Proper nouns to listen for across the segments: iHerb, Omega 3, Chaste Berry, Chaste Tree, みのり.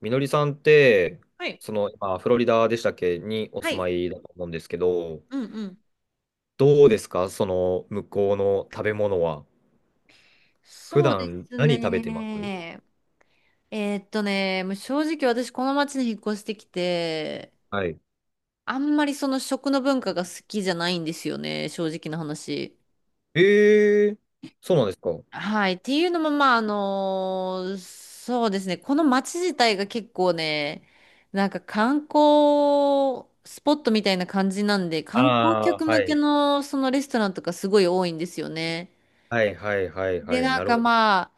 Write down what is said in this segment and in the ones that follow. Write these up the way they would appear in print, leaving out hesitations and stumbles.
みのりさんって、はい。今、フロリダでしたっけにおは住まい。いだと思うんですけど、うんうん。どうですか向こうの食べ物は。普そうで段、す何食べてます？ね。もう正直私この町に引っ越してきて、はい。あんまりその食の文化が好きじゃないんですよね、正直な話。ええー、そうなんですか？はい。っていうのも、まあ、そうですね。この町自体が結構ね、なんか観光スポットみたいな感じなんで、観光ああ、客向けのそのレストランとかすごい多いんですよね。はいはいはいはで、いはい。なんなるかほど。ま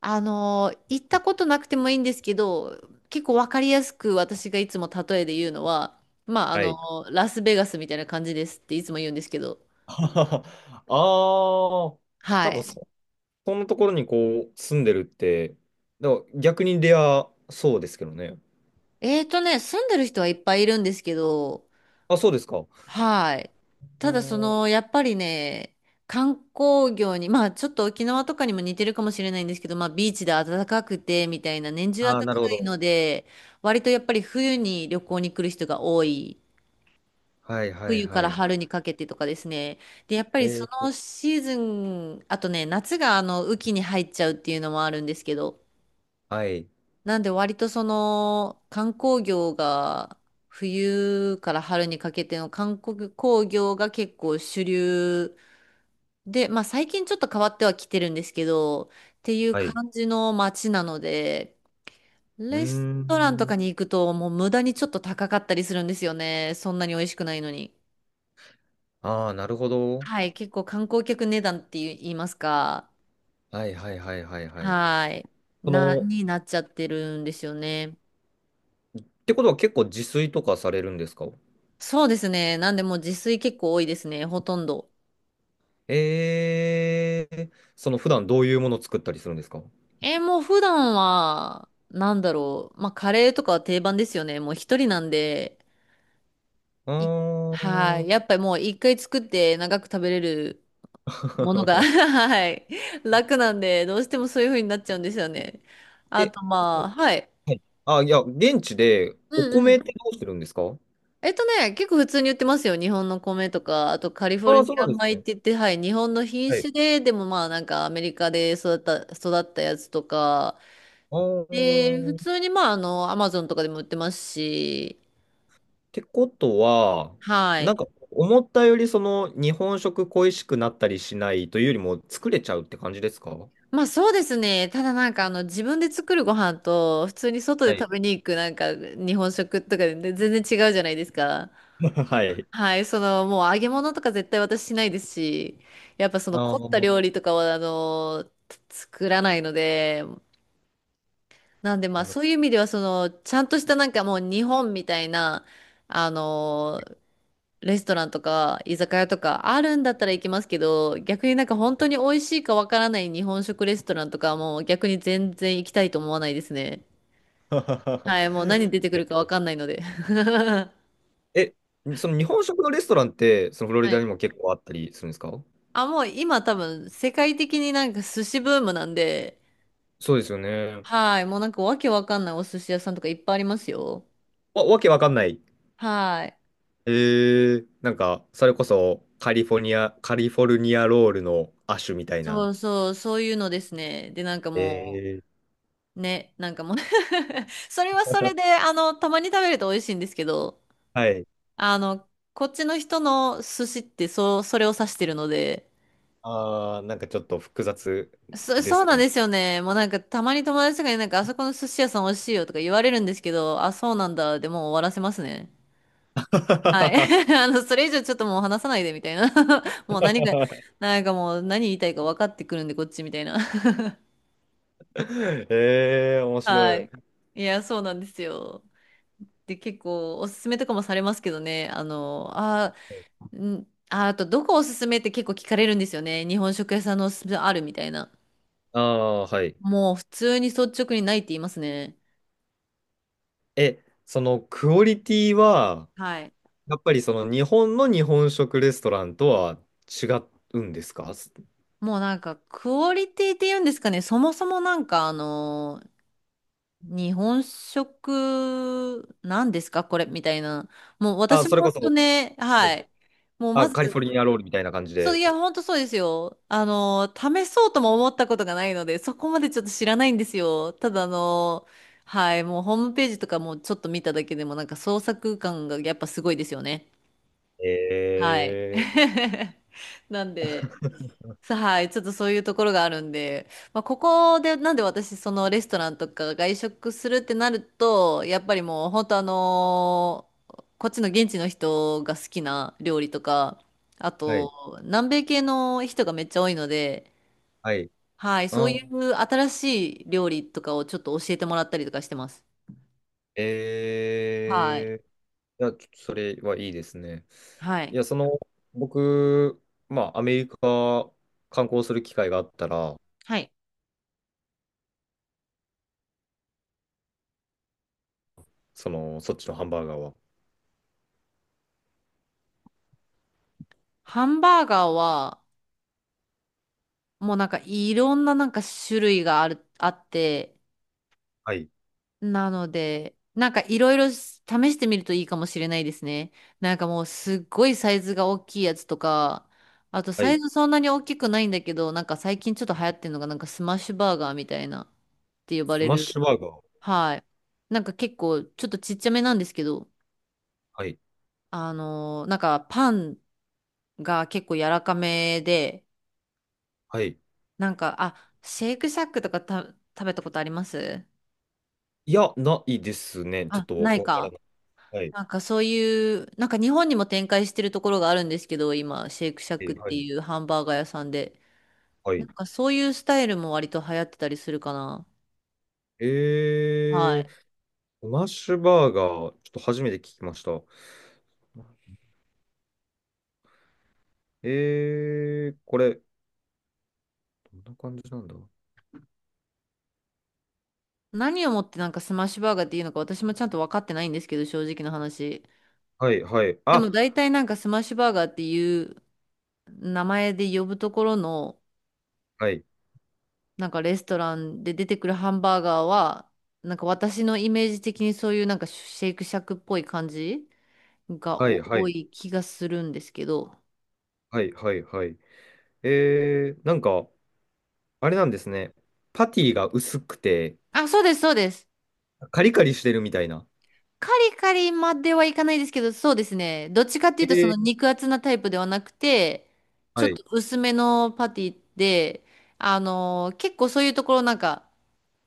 あ、行ったことなくてもいいんですけど、結構わかりやすく私がいつも例えで言うのは、まあ、はい。ラスベガスみたいな感じですっていつも言うんですけど、ああ、はなんかい。そ、そんなところにこう、住んでるって、だから逆にレアそうですけどね。住んでる人はいっぱいいるんですけど、あ、そうですか。あはい。ただその、ー、やっぱりね、観光業に、まあちょっと沖縄とかにも似てるかもしれないんですけど、まあビーチで暖かくてみたいな、年中暖あー、かなるほいど。ので、割とやっぱり冬に旅行に来る人が多い。はいはい冬かはいらはい。春にかけてとかですね。で、やっぱりそえー、のシーズン、あとね、夏が雨季に入っちゃうっていうのもあるんですけど、はい。なんで割とその観光業が冬から春にかけての観光業が結構主流で、まあ最近ちょっと変わってはきてるんですけど、っていうはい。感じの街なので、うーレストランとかん。に行くともう無駄にちょっと高かったりするんですよね。そんなに美味しくないのに。ああ、なるほど。はい、結構観光客値段って言いますか、はいはいはいはいはい。はい、その、っになっちゃってるんですよね。てことは結構自炊とかされるんですか？そうですね。なんでもう自炊結構多いですね、ほとんど。ええ、その普段どういうもの作ったりするんですか？もう普段は、なんだろう。まあ、カレーとかは定番ですよね。もう一人なんで、あいはい。ー。 やっぱりもう一回作って長く食べれるものが はい。楽なんで、どうしてもそういう風になっちゃうんですよね。あえ、と、そまあ、う、はい。はい。あ、いや、現地でうお米ん。ってどうしてるんですか？結構普通に売ってますよ。日本の米とか、あとカリフォあルあー、そうニアなんです米っね。て言って、はい、日本の品はい。種で、でもまあなんかアメリカで育った、やつとか、あで、普ー、通っにまあアマゾンとかでも売ってますし、てことは、はなんい。か思ったよりその日本食恋しくなったりしないというよりも作れちゃうって感じですか？まあそうですね。ただなんか自分で作るご飯と、普通に外ではい。食べに行くなんか日本食とかで全然違うじゃないですか。はい。はい、そのもう揚げ物とか絶対私しないですし、やっぱそのあ凝ったあ、料理とかは作らないので、なんでまあなるほそういう意味ではそのちゃんとしたなんかもう日本みたいなあのーレストランとか居酒屋とかあるんだったら行きますけど逆になんか本当に美味しいかわからない日本食レストランとかはもう逆に全然行きたいと思わないですね。ど。はい、もう何出てくるかわ かんないので。はえ、その日本食のレストランって、そのフロリダにもい。結構あったりするんですか？あ、もう今多分世界的になんか寿司ブームなんで、そうですよね。はい、もうなんかわけわかんないお寿司屋さんとかいっぱいありますよ。わ、わけわかんない。はい。えー、なんか、それこそカリフォルニア、カリフォルニアロールの亜種みたいそな。うそう、そういうのですね。で、なんかえもー、う、ね、なんかもう それはそれで、たまに食べると美味しいんですけど、はい。あの、こっちの人の寿司ってそう、それを指してるので、ああ、なんかちょっと複雑でそすうかなんね。ですよね。もうなんかたまに友達とかになんかあそこの寿司屋さん美味しいよとか言われるんですけど、あ、そうなんだ。でもう終わらせますね。はい。それ以上ちょっともう話さないでみたいな。もう何が、なんかもう何言いたいか分かってくるんでこっちみたいな。えー、面は白い。い。いや、そうなんですよ。で、結構おすすめとかもされますけどね。あと、どこおすすめって結構聞かれるんですよね。日本食屋さんのおすすめあるみたいな。ああ、はい。もう普通に率直にないって言いますね。え、そのクオリティは、はい。やっぱりその日本の日本食レストランとは違うんですか？もうなんか、クオリティって言うんですかね。そもそもなんか、日本食、なんですかこれみたいな。もうあ、私もそれこ本当そ、ね、ははい、い。もうまあ、カリフず、ォルニアロールみたいな感じそう、で。いや、ほんとそうですよ。試そうとも思ったことがないので、そこまでちょっと知らないんですよ。ただ、はい、もうホームページとかもちょっと見ただけでも、なんか創作感がやっぱすごいですよね。はい。え なんで、はい、ちょっとそういうところがあるんで、まあ、ここでなんで私そのレストランとか外食するってなるとやっぱりもう本当こっちの現地の人が好きな料理とかあー、はい、と南米系の人がめっちゃ多いので、はい。はい、そうあ、いう新しい料理とかをちょっと教えてもらったりとかしてます。はい。えー、いや、ちょっとそれはいいですね。はいい。や、その、僕、まあ、アメリカ観光する機会があったら、はい。その、そっちのハンバーガーは。ハンバーガーはもうなんかいろんななんか種類があってはい、なので、なんかいろいろ試してみるといいかもしれないですね。なんかもうすっごいサイズが大きいやつとか、あとはサイい。ズそんなに大きくないんだけど、なんか最近ちょっと流行ってるのがなんかスマッシュバーガーみたいなって呼ばスれマッる。シュバーガー。はい。なんか結構ちょっとちっちゃめなんですけど、はい、なんかパンが結構柔らかめで、はい。なんか、あ、シェイクシャックとか食べたことあります？いや、ないですね。ちょっあ、とないわからか。ない。はい、なんかそういう、なんか日本にも展開してるところがあるんですけど、今、シェイクシャッえクっー、はてい。いうハンバーガー屋さんで。はなんい。かそういうスタイルも割と流行ってたりするかな。はえー、い。スマッシュバーガー、ちょっと初めて聞きました。えー、これ、どんな感じなんだ？何をもってなんかスマッシュバーガーっていうのか私もちゃんと分かってないんですけど、正直な話。はい、はい、であ、も大体なんかスマッシュバーガーっていう名前で呼ぶところの、はい、なんかレストランで出てくるハンバーガーは、なんか私のイメージ的にそういうなんかシェイクシャックっぽい感じがはい、は多い、い気がするんですけど。はい、はい、はい。えー、なんか、あれなんですね。パティが薄くて、あ、そうです、そうです。カリカリしてるみたいな。カリカリまではいかないですけど、そうですね。どっちかっていえうと、そのー、肉厚なタイプではなくて、ちょはっい。と薄めのパティで、結構そういうところなんか、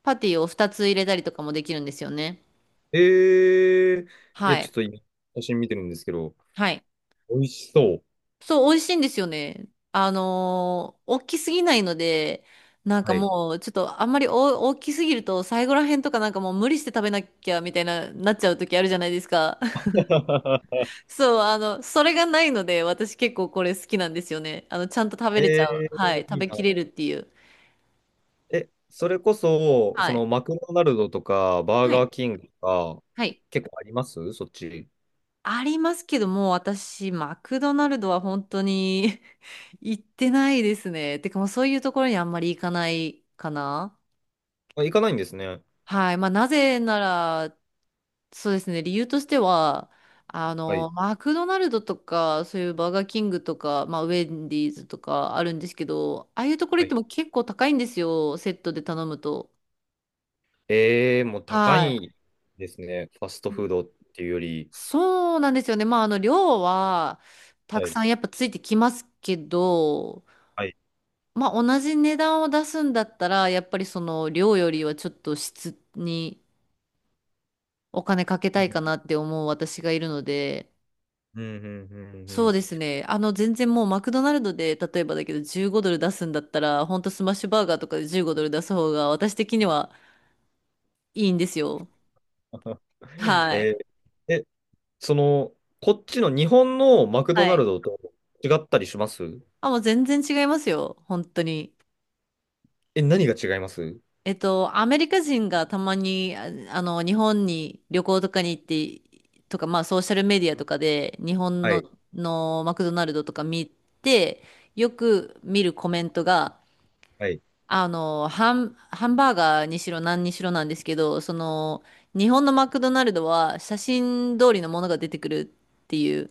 パティを2つ入れたりとかもできるんですよね。えー、いはや、ちょっい。と今、写真見てるんですけど、はい。美味しそう。そう、美味しいんですよね。大きすぎないので、なんかはい。もう、ちょっとあんまり大きすぎると、最後らへんとかなんかもう無理して食べなきゃみたいな、なっちゃう時あるじゃないですか。そう、それがないので、私結構これ好きなんですよね。ちゃんと食べれちゃえう。はい。ー、食いいべな。きれるっていう。え、それこそ、はそい。のマクドナルドとか、バーはい。ガーキングとか、はい。結構ありますそっち？ありますけども、私、マクドナルドは本当に 行ってないですね。てかもうそういうところにあんまり行かないかな。あ、行かないんですね。はい。まあ、なぜなら、そうですね。理由としては、はい。マクドナルドとか、そういうバーガーキングとか、まあ、ウェンディーズとかあるんですけど、ああいうところ行はっい。ても結構高いんですよ、セットで頼むと。えー、もう高はい。いですね。ファストフードっていうより。そうなんですよね。まあ、量は、たはくい。さんやっぱついてきますけど、はい。まあ、同じ値段を出すんだったら、やっぱりその量よりはちょっと質にお金かけうたいん、かなって思う私がいるので、うん、うん、うん。うそうん ですね。全然もうマクドナルドで、例えばだけど15ドル出すんだったら、ほんとスマッシュバーガーとかで15ドル出す方が私的にはいいんですよ。はえい。ー、え、その、こっちの日本のマクはドナルい。ドと違ったりします？あ、もう全然違いますよ。本当に。え、何が違います？アメリカ人がたまに、日本に旅行とかに行って、とか、まあ、ソーシャルメディアとかで、日本はの、い。のマクドナルドとか見て、よく見るコメントが、はい。ハンバーガーにしろ何にしろなんですけど、その、日本のマクドナルドは写真通りのものが出てくるっていう。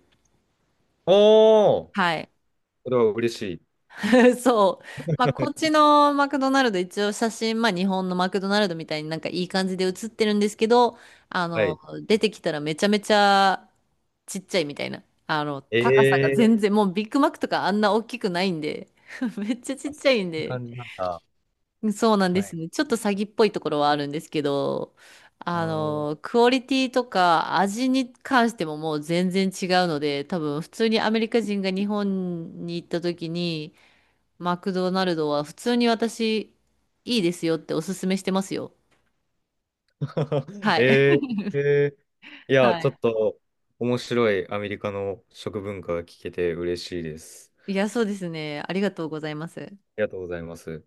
おー、はい。それは嬉しい。そう。まあ、こっち のマクドナルド、一応写真、まあ、日本のマクドナルドみたいになんかいい感じで写ってるんですけど、あはの、い。出てきたらめちゃめちゃちっちゃいみたいな。え高さがー、全然、もうビッグマックとかあんな大きくないんで、めっちゃちあ、っそちんゃいんなで、感じなんだ。そうなんではすい。ね。ちょっと詐欺っぽいところはあるんですけど、あー。 クオリティとか味に関してももう全然違うので、多分普通にアメリカ人が日本に行った時に、マクドナルドは普通に私、いいですよっておすすめしてますよ。はい。えー、えー、いや、はちょい。っと面白いアメリカの食文化が聞けて嬉しいです。いや、そうですね。ありがとうございます。ありがとうございます。